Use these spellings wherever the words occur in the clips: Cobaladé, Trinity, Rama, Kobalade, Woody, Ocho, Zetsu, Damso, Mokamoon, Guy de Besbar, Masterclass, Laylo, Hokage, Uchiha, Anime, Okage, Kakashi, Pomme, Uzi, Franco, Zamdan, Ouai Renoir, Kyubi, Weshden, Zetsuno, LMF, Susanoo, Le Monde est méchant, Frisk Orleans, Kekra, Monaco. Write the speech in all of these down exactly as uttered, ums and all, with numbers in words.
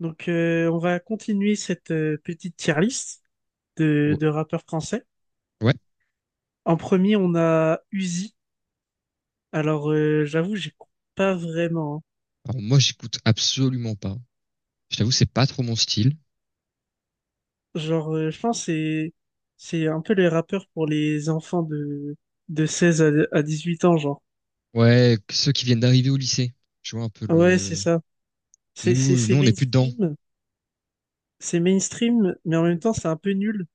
Donc, euh, on va continuer cette euh, petite tier list de, Ou- de rappeurs français. Ouais. En premier, on a Uzi. Alors, euh, j'avoue, j'écoute pas vraiment. Alors moi, j'écoute absolument pas. Je t'avoue, c'est pas trop mon style. Hein. Genre, euh, je pense que c'est c'est un peu les rappeurs pour les enfants de de seize à, à dix huit ans, genre. Ouais, que ceux qui viennent d'arriver au lycée. Je vois un peu Ouais, c'est le... ça. C'est c'est Nous, c'est nous, on n'est plus dedans. mainstream, c'est mainstream, mais en même temps, c'est un peu nul.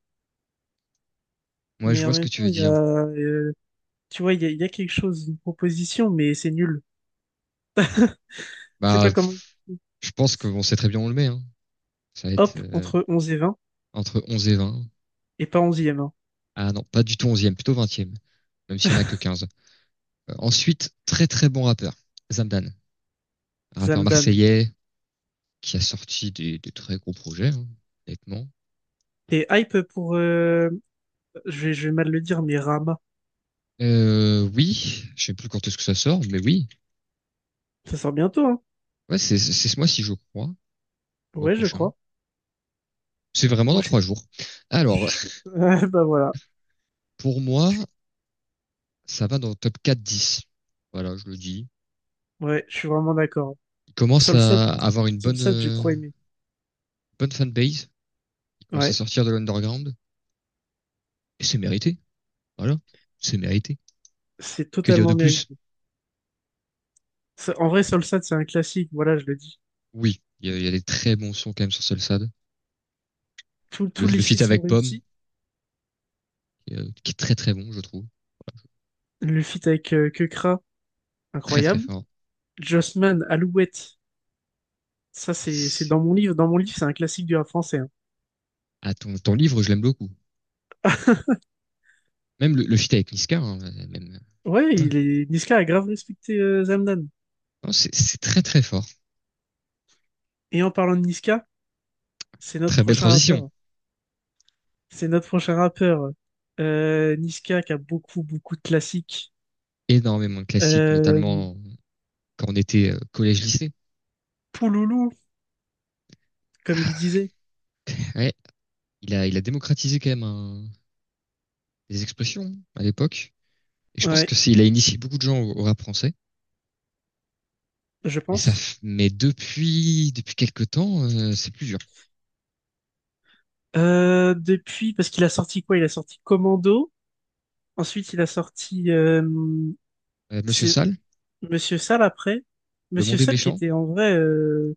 Moi, je Mais en vois ce même que tu temps, veux il y a dire. euh, tu vois, il y a, il y a quelque chose, une proposition, mais c'est nul. Je sais Bah, pas comment. pff, je pense que on sait très bien où on le met, hein. Ça va être Hop, euh, entre onze et vingt, entre onze et vingt. et pas onzième. Ah non, pas du tout onzième, plutôt vingtième. Même si on a que quinze. Euh, ensuite, très très bon rappeur. Zamdan. Un rappeur Zamdan. marseillais qui a sorti des, des très gros projets, hein, honnêtement. T'es hype pour, euh, je vais, je vais mal le dire, mais Rama. Euh, oui, je sais plus quand est-ce que ça sort, mais oui. Ça sort bientôt, hein? Ouais, c'est c'est ce mois-ci, je crois, le mois Ouais, je prochain. crois. C'est vraiment dans Moi, je suis. trois jours. Alors, je- Ouais, bah voilà. pour moi, Je suis- ça va dans le top quatre dix. Voilà, je le dis. Ouais, je suis vraiment d'accord. Il commence Solsad, à avoir une bonne, Solsad, j'ai euh, trop aimé. bonne fanbase. Il commence à Ouais, sortir de l'underground. Et c'est mérité. Voilà, c'est mérité. c'est Que dire de totalement plus? mérité. Ça- En vrai, Solsad, c'est un classique, voilà, je le dis. Oui, il y a, il y a des très bons sons quand même sur Solsad. Tous Le, tous le les feats feat sont avec Pomme, réussis. qui, est euh, qui est très très bon, je trouve. Le feat avec euh, Kekra, Très très incroyable. fort. Jossman, Alouette, ça, c'est c'est C'est- dans mon livre. Dans mon livre, c'est un classique du rap français. Hein. Ah, ton, ton livre, je l'aime beaucoup. Même le, le feat avec Niska, hein, même. Ouais, Voilà. il est... Niska a grave respecté euh, Zamdan. Non, c'est c'est très très fort. Et en parlant de Niska, c'est notre Très belle prochain transition. rappeur. C'est notre prochain rappeur. Euh, Niska qui a beaucoup, beaucoup de classiques. Énormément de classiques, Euh, notamment quand on était collège-lycée. Pouloulou, comme il disait. Ouais, il a, il a démocratisé quand même un- des expressions à l'époque. Et je pense que Ouais, c'est, il a initié beaucoup de gens au, au rap français. je Mais ça, pense. mais depuis, depuis quelques temps, euh, c'est plus dur. Euh, depuis, parce qu'il a sorti quoi? Il a sorti Commando. Ensuite, il a sorti... euh, Euh, Monsieur c'est Sall, Monsieur Sall après. Le Monsieur Monde est Sall qui méchant, était en vrai... euh,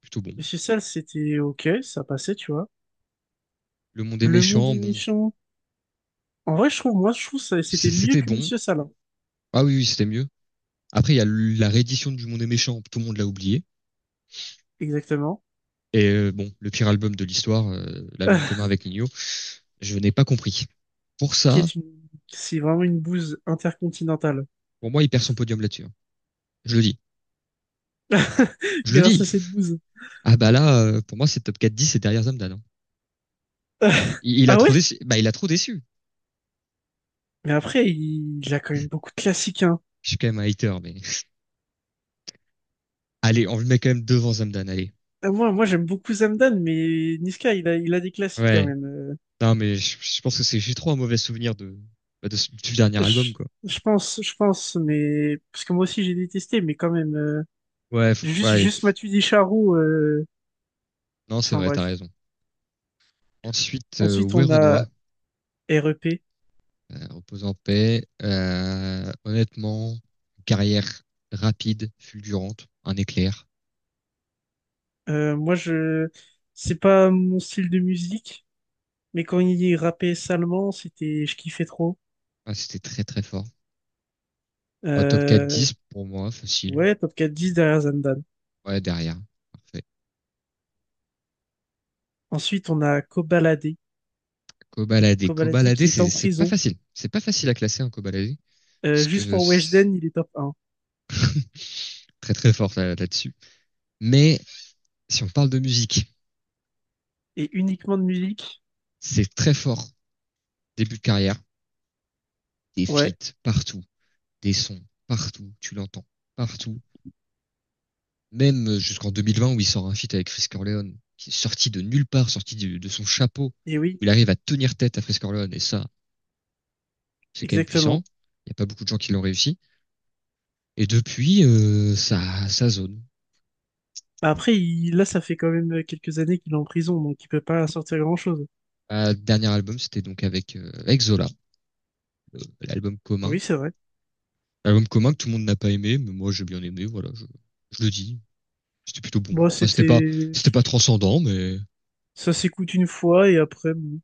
plutôt bon. Monsieur Sall, c'était OK, ça passait, tu vois. Le Monde est Le Monde méchant, est bon, méchant. En vrai, je trouve, moi, je trouve ça, c'est- c'était mieux c'était que bon. Monsieur Sall. Hein. Ah oui, oui, c'était mieux. Après, il y a la réédition du Monde est méchant, tout le monde l'a oublié. Exactement. Et euh, bon, le pire album de l'histoire, euh, l'album commun avec Nino. Je n'ai pas compris. Pour qui, qui ça, est une, c'est vraiment une bouse intercontinentale. pour moi, il perd son podium là-dessus, hein. Je le dis. Je le Grâce dis. à cette bouse. Ah bah là, euh, pour moi, c'est top quatre dix et derrière Zamdan, hein. Il, il a Ah trop ouais? déçu. Bah, il a trop déçu. Mais après, il, il a quand même beaucoup de classiques, hein. Je suis quand même un hater, mais allez, on le met quand même devant Zamdan, allez. Ah, Moi, moi, j'aime beaucoup Zamdan, mais Niska, il a, il a des classiques quand Ouais. même. Euh, Non, mais je, je pense que c'est j'ai trop un mauvais souvenir de, bah, de du dernier je, album, quoi. je pense, je pense, mais parce que moi aussi j'ai détesté, mais quand même, euh, Ouais, faut- ouais, juste, allez. juste Matuidi Charou. euh, Non, c'est Enfin vrai, t'as bref. raison. Ensuite, euh, Ensuite, Ouai on a Renoir, R E P. euh, repose en paix. Euh, honnêtement, carrière rapide, fulgurante, un éclair. Euh, moi, je, c'est pas mon style de musique, mais quand il rappait salement, c'était, je kiffais trop. Ah, c'était très très fort. Un top quatre Euh, dix pour moi, facile. Ouais, top quatre à dix derrière Zandane. Ouais, derrière. Parfait. Ensuite, on a Kobalade. Cobaladé. Kobalade Cobaladé, qui est en c'est c'est pas prison. facile. C'est pas facile à classer un cobaladé. Euh, Parce Juste que pour c'est Weshden, il est top un. très très fort là- là-dessus. Mais si on parle de musique, Et uniquement de musique. c'est très fort. Début de carrière, des Ouais, feats partout, des sons partout, tu l'entends partout. Même jusqu'en deux mille vingt où il sort un feat avec Frisk Orleans, qui est sorti de nulle part, sorti du- de son chapeau. et oui, Il arrive à tenir tête à Frisk Orleans et ça, c'est quand même puissant. exactement. Il n'y a pas beaucoup de gens qui l'ont réussi. Et depuis, euh, ça, ça zone. Bah, après, il- là, ça fait quand même quelques années qu'il est en prison, donc il peut pas sortir grand-chose. Ma dernier album, c'était donc avec, euh, avec Zola, euh, l'album commun. Oui, c'est vrai. L'album commun que tout le monde n'a pas aimé, mais moi j'ai bien aimé, voilà, je, je le dis. C'était plutôt bon. Bon, Enfin, c'était pas, c'était... c'était pas transcendant, mais Ça s'écoute une fois, et après... bon.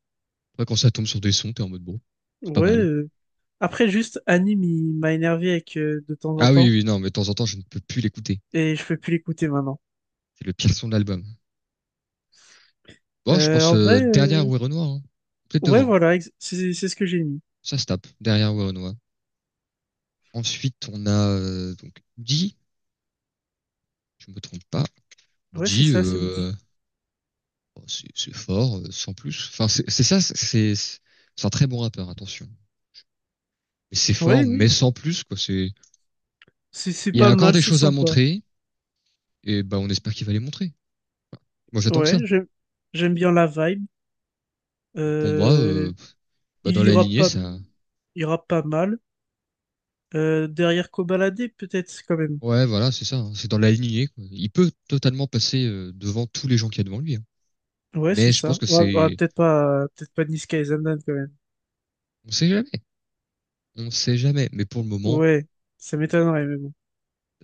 après, quand ça tombe sur des sons, t'es en mode bon, c'est pas Ouais. mal. euh. Après, juste, Anime, il m'a énervé avec euh, de temps en Ah oui, temps, oui, non, mais de temps en temps, je ne peux plus l'écouter. et je peux plus l'écouter maintenant. C'est le pire son de l'album. Bon, je Euh, pense En euh, vrai... derrière euh, Ouai Renoir, hein. Peut-être Ouais, devant. voilà, ex- c'est c'est ce que j'ai mis. Ça se tape, derrière Ouai Renoir. Ensuite, on a euh, donc Woody, je me trompe pas. Ouais, c'est Woody, ça, c'est Woody. euh, bon. C'est c'est fort, euh, sans plus. Enfin, c'est c'est ça, c'est c'est un très bon rappeur, attention. Mais c'est Oui, fort, mais oui, sans plus, quoi. C'est, c'est c'est Il y a pas encore mal, des c'est choses à sympa. montrer, et bah, on espère qu'il va les montrer. Enfin, moi, j'attends que Ouais, ça. j'aime j'aime bien la vibe. Donc, pour moi, euh, Euh, bah, il dans la ira lignée, pas, ça. il ira pas mal. Euh, derrière Kobalade, peut-être quand même. Ouais, voilà, c'est ça, hein. C'est dans la lignée, quoi. Il peut totalement passer euh, devant tous les gens qu'il y a devant lui, hein. Ouais, c'est Mais je pense ça. que Ouais, ouais, c'est. peut-être pas, peut-être pas Niska et Zamdan quand même. On sait jamais. On sait jamais. Mais pour le moment, Ouais, ça m'étonnerait, mais bon.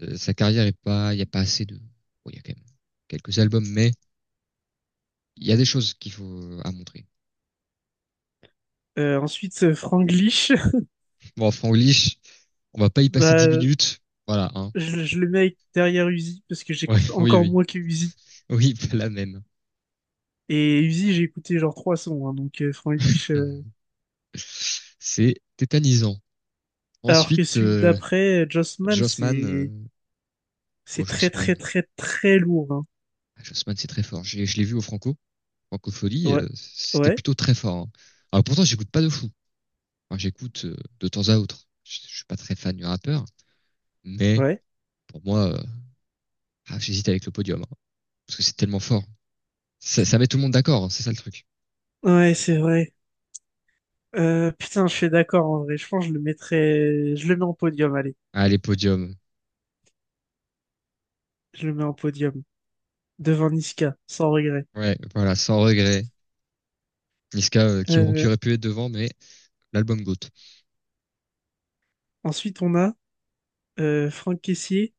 euh, sa carrière est pas. Il n'y a pas assez de. Bon, il y a quand même quelques albums, mais il y a des choses qu'il faut euh, à montrer. Euh, ensuite, euh, Franglish. Bon, Franglish, on va pas y passer dix Bah, minutes. Voilà, hein. je, je le mets avec- derrière Uzi parce que Ouais, j'écoute oui, encore oui. moins que Uzi. Oui, pas la même. Et Uzi, j'ai écouté genre trois sons, hein, donc euh, Franglish. euh, C'est tétanisant. Alors que Ensuite, celui euh, d'après, euh, Jossman, Jossman. euh, c'est... Oh, C'est très très Jossman. très très lourd. Hein. Ah, Jossman, c'est très fort. J'ai- Je l'ai vu au Franco, Francofolie. Ouais, euh, C'était ouais, plutôt très fort, hein. Alors pourtant, j'écoute pas de fou. Enfin, j'écoute euh, de temps à autre. Je, je suis pas très fan du rappeur, mais ouais. pour moi, euh, ah, j'hésite avec le podium, hein, parce que c'est tellement fort. Ça, ça met tout le monde d'accord, hein, c'est ça le truc. Ouais, c'est vrai. Euh, putain, je suis d'accord en vrai. Je pense que je le mettrais. Je le mets en podium, allez. Ah, les podiums. Je le mets en podium. Devant Niska, sans regret. Ouais, voilà, sans regret. Niska euh, qui, qui, Euh, aurait pu être devant, mais l'album Goat. Ensuite, on a euh, Franck Caissier.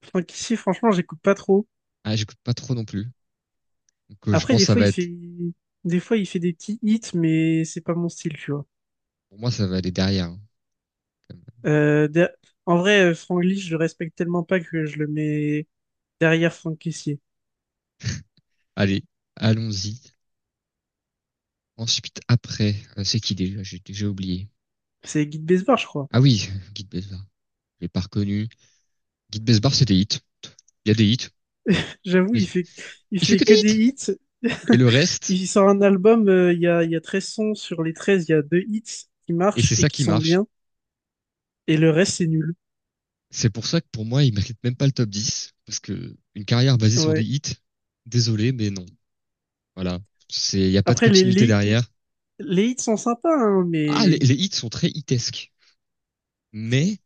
Franck Caissier, franchement, j'écoute pas trop. Ah, j'écoute pas trop non plus. Donc, euh, je Après, pense que des ça fois, va il être, fait. Des fois, il fait des petits hits, mais c'est pas mon style, tu vois. pour moi, ça va aller derrière, hein, quand même. Euh, der- En vrai, euh, Franck Lee, je le respecte tellement pas que je le mets derrière Franck Caissier. Allez, allons-y. Ensuite, après, euh, c'est qui déjà? J'ai j'ai oublié. C'est Guy Besbar, je crois. Ah oui, Guide Besbar. Je l'ai pas reconnu. Guide Besbar, c'est des hits. Il y a des hits. J'avoue, il fait, il Il fait fait que des que des hits. hits. Et le reste, Il sort un album, euh, il y a, il y a treize sons. Sur les treize, il y a deux hits qui et marchent c'est et ça qui qui sont marche. bien. Et le reste, c'est nul. C'est pour ça que pour moi, il mérite même pas le top dix. Parce que une carrière basée sur des Ouais. hits, désolé, mais non. Voilà. C'est, il n'y a pas de Après, les, continuité les, derrière. les hits sont sympas, hein, Ah, les, mais les hits sont très hitesques. Mais,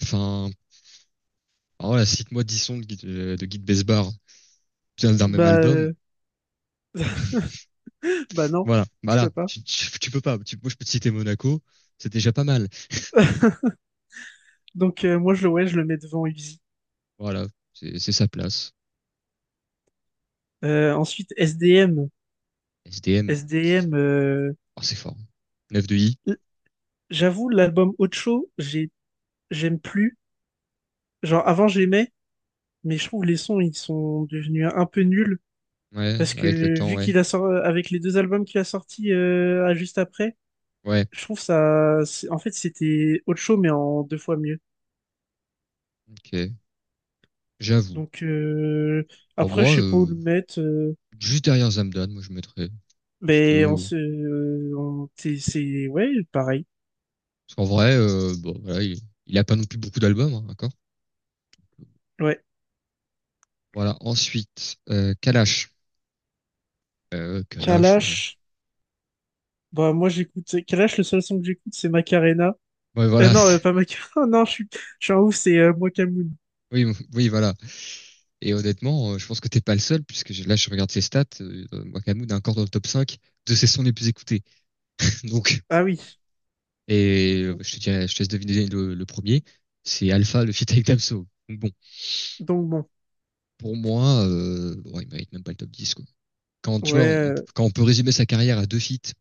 enfin, oh, voilà, cite-moi dix sons de, Guy- euh, de Guy de Besbar d'un même bah, album. euh, bah non, Voilà, je voilà, peux pas. tu, tu, tu peux pas. Tu- moi, je peux te citer Monaco, c'est déjà pas mal. Donc, euh, moi, je, le- ouais, je le mets devant Uzi. Voilà, c'est c'est sa place. Euh, ensuite, S D M. S D M, S D M, euh, oh, c'est fort. neuf de I, l- j'avoue, l'album Ocho, j'ai, j'aime plus. Genre, avant, j'aimais, mais je trouve les sons, ils sont devenus un peu nuls. ouais, Parce avec le que temps, vu ouais. qu'il a sorti avec les deux albums qu'il a sortis euh, à juste après, Ouais, je trouve ça, c'est- en fait c'était autre show mais en deux fois mieux. ok, j'avoue. Donc euh, Pour après moi, je sais pas où euh, le mettre, euh, juste derrière Zamdan, moi, je mettrais. Parce mais on que, se, euh, on- c'est c'est- ouais pareil. Parce qu'en vrai, euh, bon, voilà, il, il a pas non plus beaucoup d'albums, hein, d'accord? Ouais. Voilà, ensuite, euh, Kalash. Euh, Kalash, euh, Kalash, bah moi j'écoute Kalash, le seul son que j'écoute c'est Macarena. ouais, Euh, voilà, Non, euh, c'est- pas Macarena, non, je suis je suis en ouf c'est euh, Mokamoon. Oui, oui, voilà. Et honnêtement, euh, je pense que t'es pas le seul, puisque j'ai- là, je regarde ses stats. Euh, Wakamoon est encore dans le top cinq de ses sons les plus écoutés. Donc, Ah oui, et euh, je te dirais, je te laisse deviner le, le premier. C'est Alpha, le feat avec Damso. Donc bon, donc bon, pour moi, euh, bon, il mérite même pas le top dix, quoi. Quand, tu ouais, vois, on, euh, quand on peut résumer sa carrière à deux feats,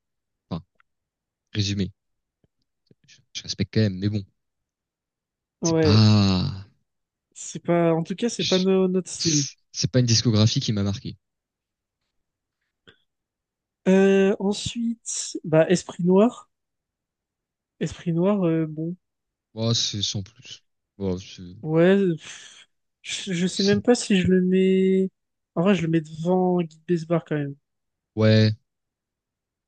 enfin, résumer, je, je respecte quand même, mais bon, c'est ouais pas, c'est pas, en tout cas c'est pas je- no- notre style. c'est pas une discographie qui m'a marqué. Euh, ensuite, bah, Esprit Noir. Esprit Noir, euh, bon. Moi, c'est sans plus. Bon, c'est- Ouais, pff, je, je sais c'est- même pas si je le mets. En vrai, je le mets devant Guy Besbar quand même. ouais,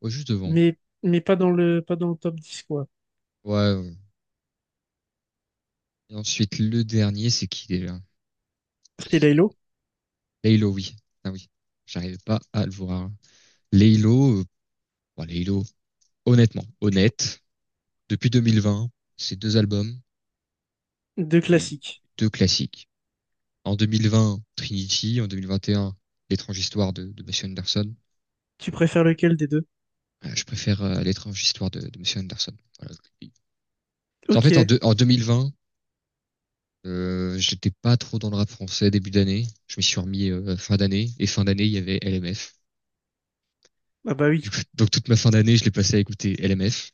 ouais, juste devant. Mais, mais pas dans le, pas dans le top dix quoi. Ouais, ouais. Et ensuite, le dernier, c'est qui déjà? C'est C'est Laylo. Laylo, oui. Ah oui, j'arrive pas à le voir. Laylo, euh, bon, Laylo, honnêtement, honnête, depuis deux mille vingt, c'est deux albums Deux et classiques. deux classiques. En deux mille vingt, Trinity, en deux mille vingt et un, L'étrange histoire de, de Monsieur Anderson. Tu préfères lequel des deux? Euh, je préfère euh, L'étrange histoire de, de Monsieur Anderson. Voilà. En fait, en, Ok. deux- en deux mille vingt, euh, j'étais pas trop dans le rap français début d'année. Je m'y suis remis euh, fin d'année et fin d'année, il y avait L M F. Ah bah Du oui. coup, donc toute ma fin d'année, je l'ai passé à écouter L M F.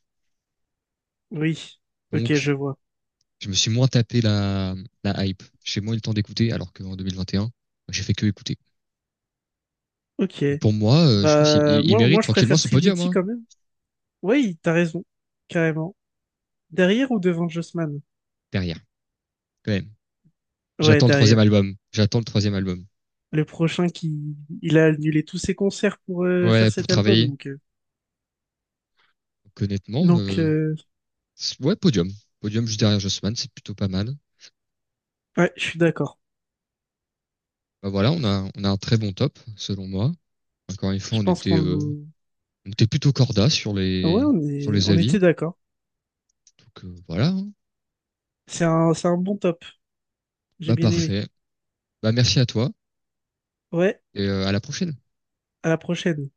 Oui. Ok, Donc, je vois. je me suis moins tapé la, la hype. J'ai moins eu le temps d'écouter, alors qu'en deux mille vingt et un, j'ai fait que écouter. Ok. Donc pour moi, euh, je pense qu'il Bah, il- il moi, moi, mérite je tranquillement préfère son podium, Trinity hein, quand même. Oui, t'as raison. Carrément. Derrière ou devant Jossman? derrière, quand même. Ouais, J'attends le troisième derrière. album. J'attends le troisième album. Le prochain qui, il a annulé tous ses concerts pour euh, Ouais, faire pour cet album, travailler. donc euh, Donc, honnêtement, donc euh, euh, c'est- ouais, podium. Podium juste derrière Jossman, c'est plutôt pas mal. ouais, je suis d'accord. Bah voilà, on a, on a un très bon top, selon moi. Encore une Je fois, on pense était, euh, qu'on... on était plutôt corda sur Ouais, les, on sur est les on avis. était d'accord. Donc euh, voilà, hein. C'est un c'est un bon top, j'ai Bah bien aimé. parfait. Bah, merci à toi Ouais, et euh, à la prochaine. à la prochaine.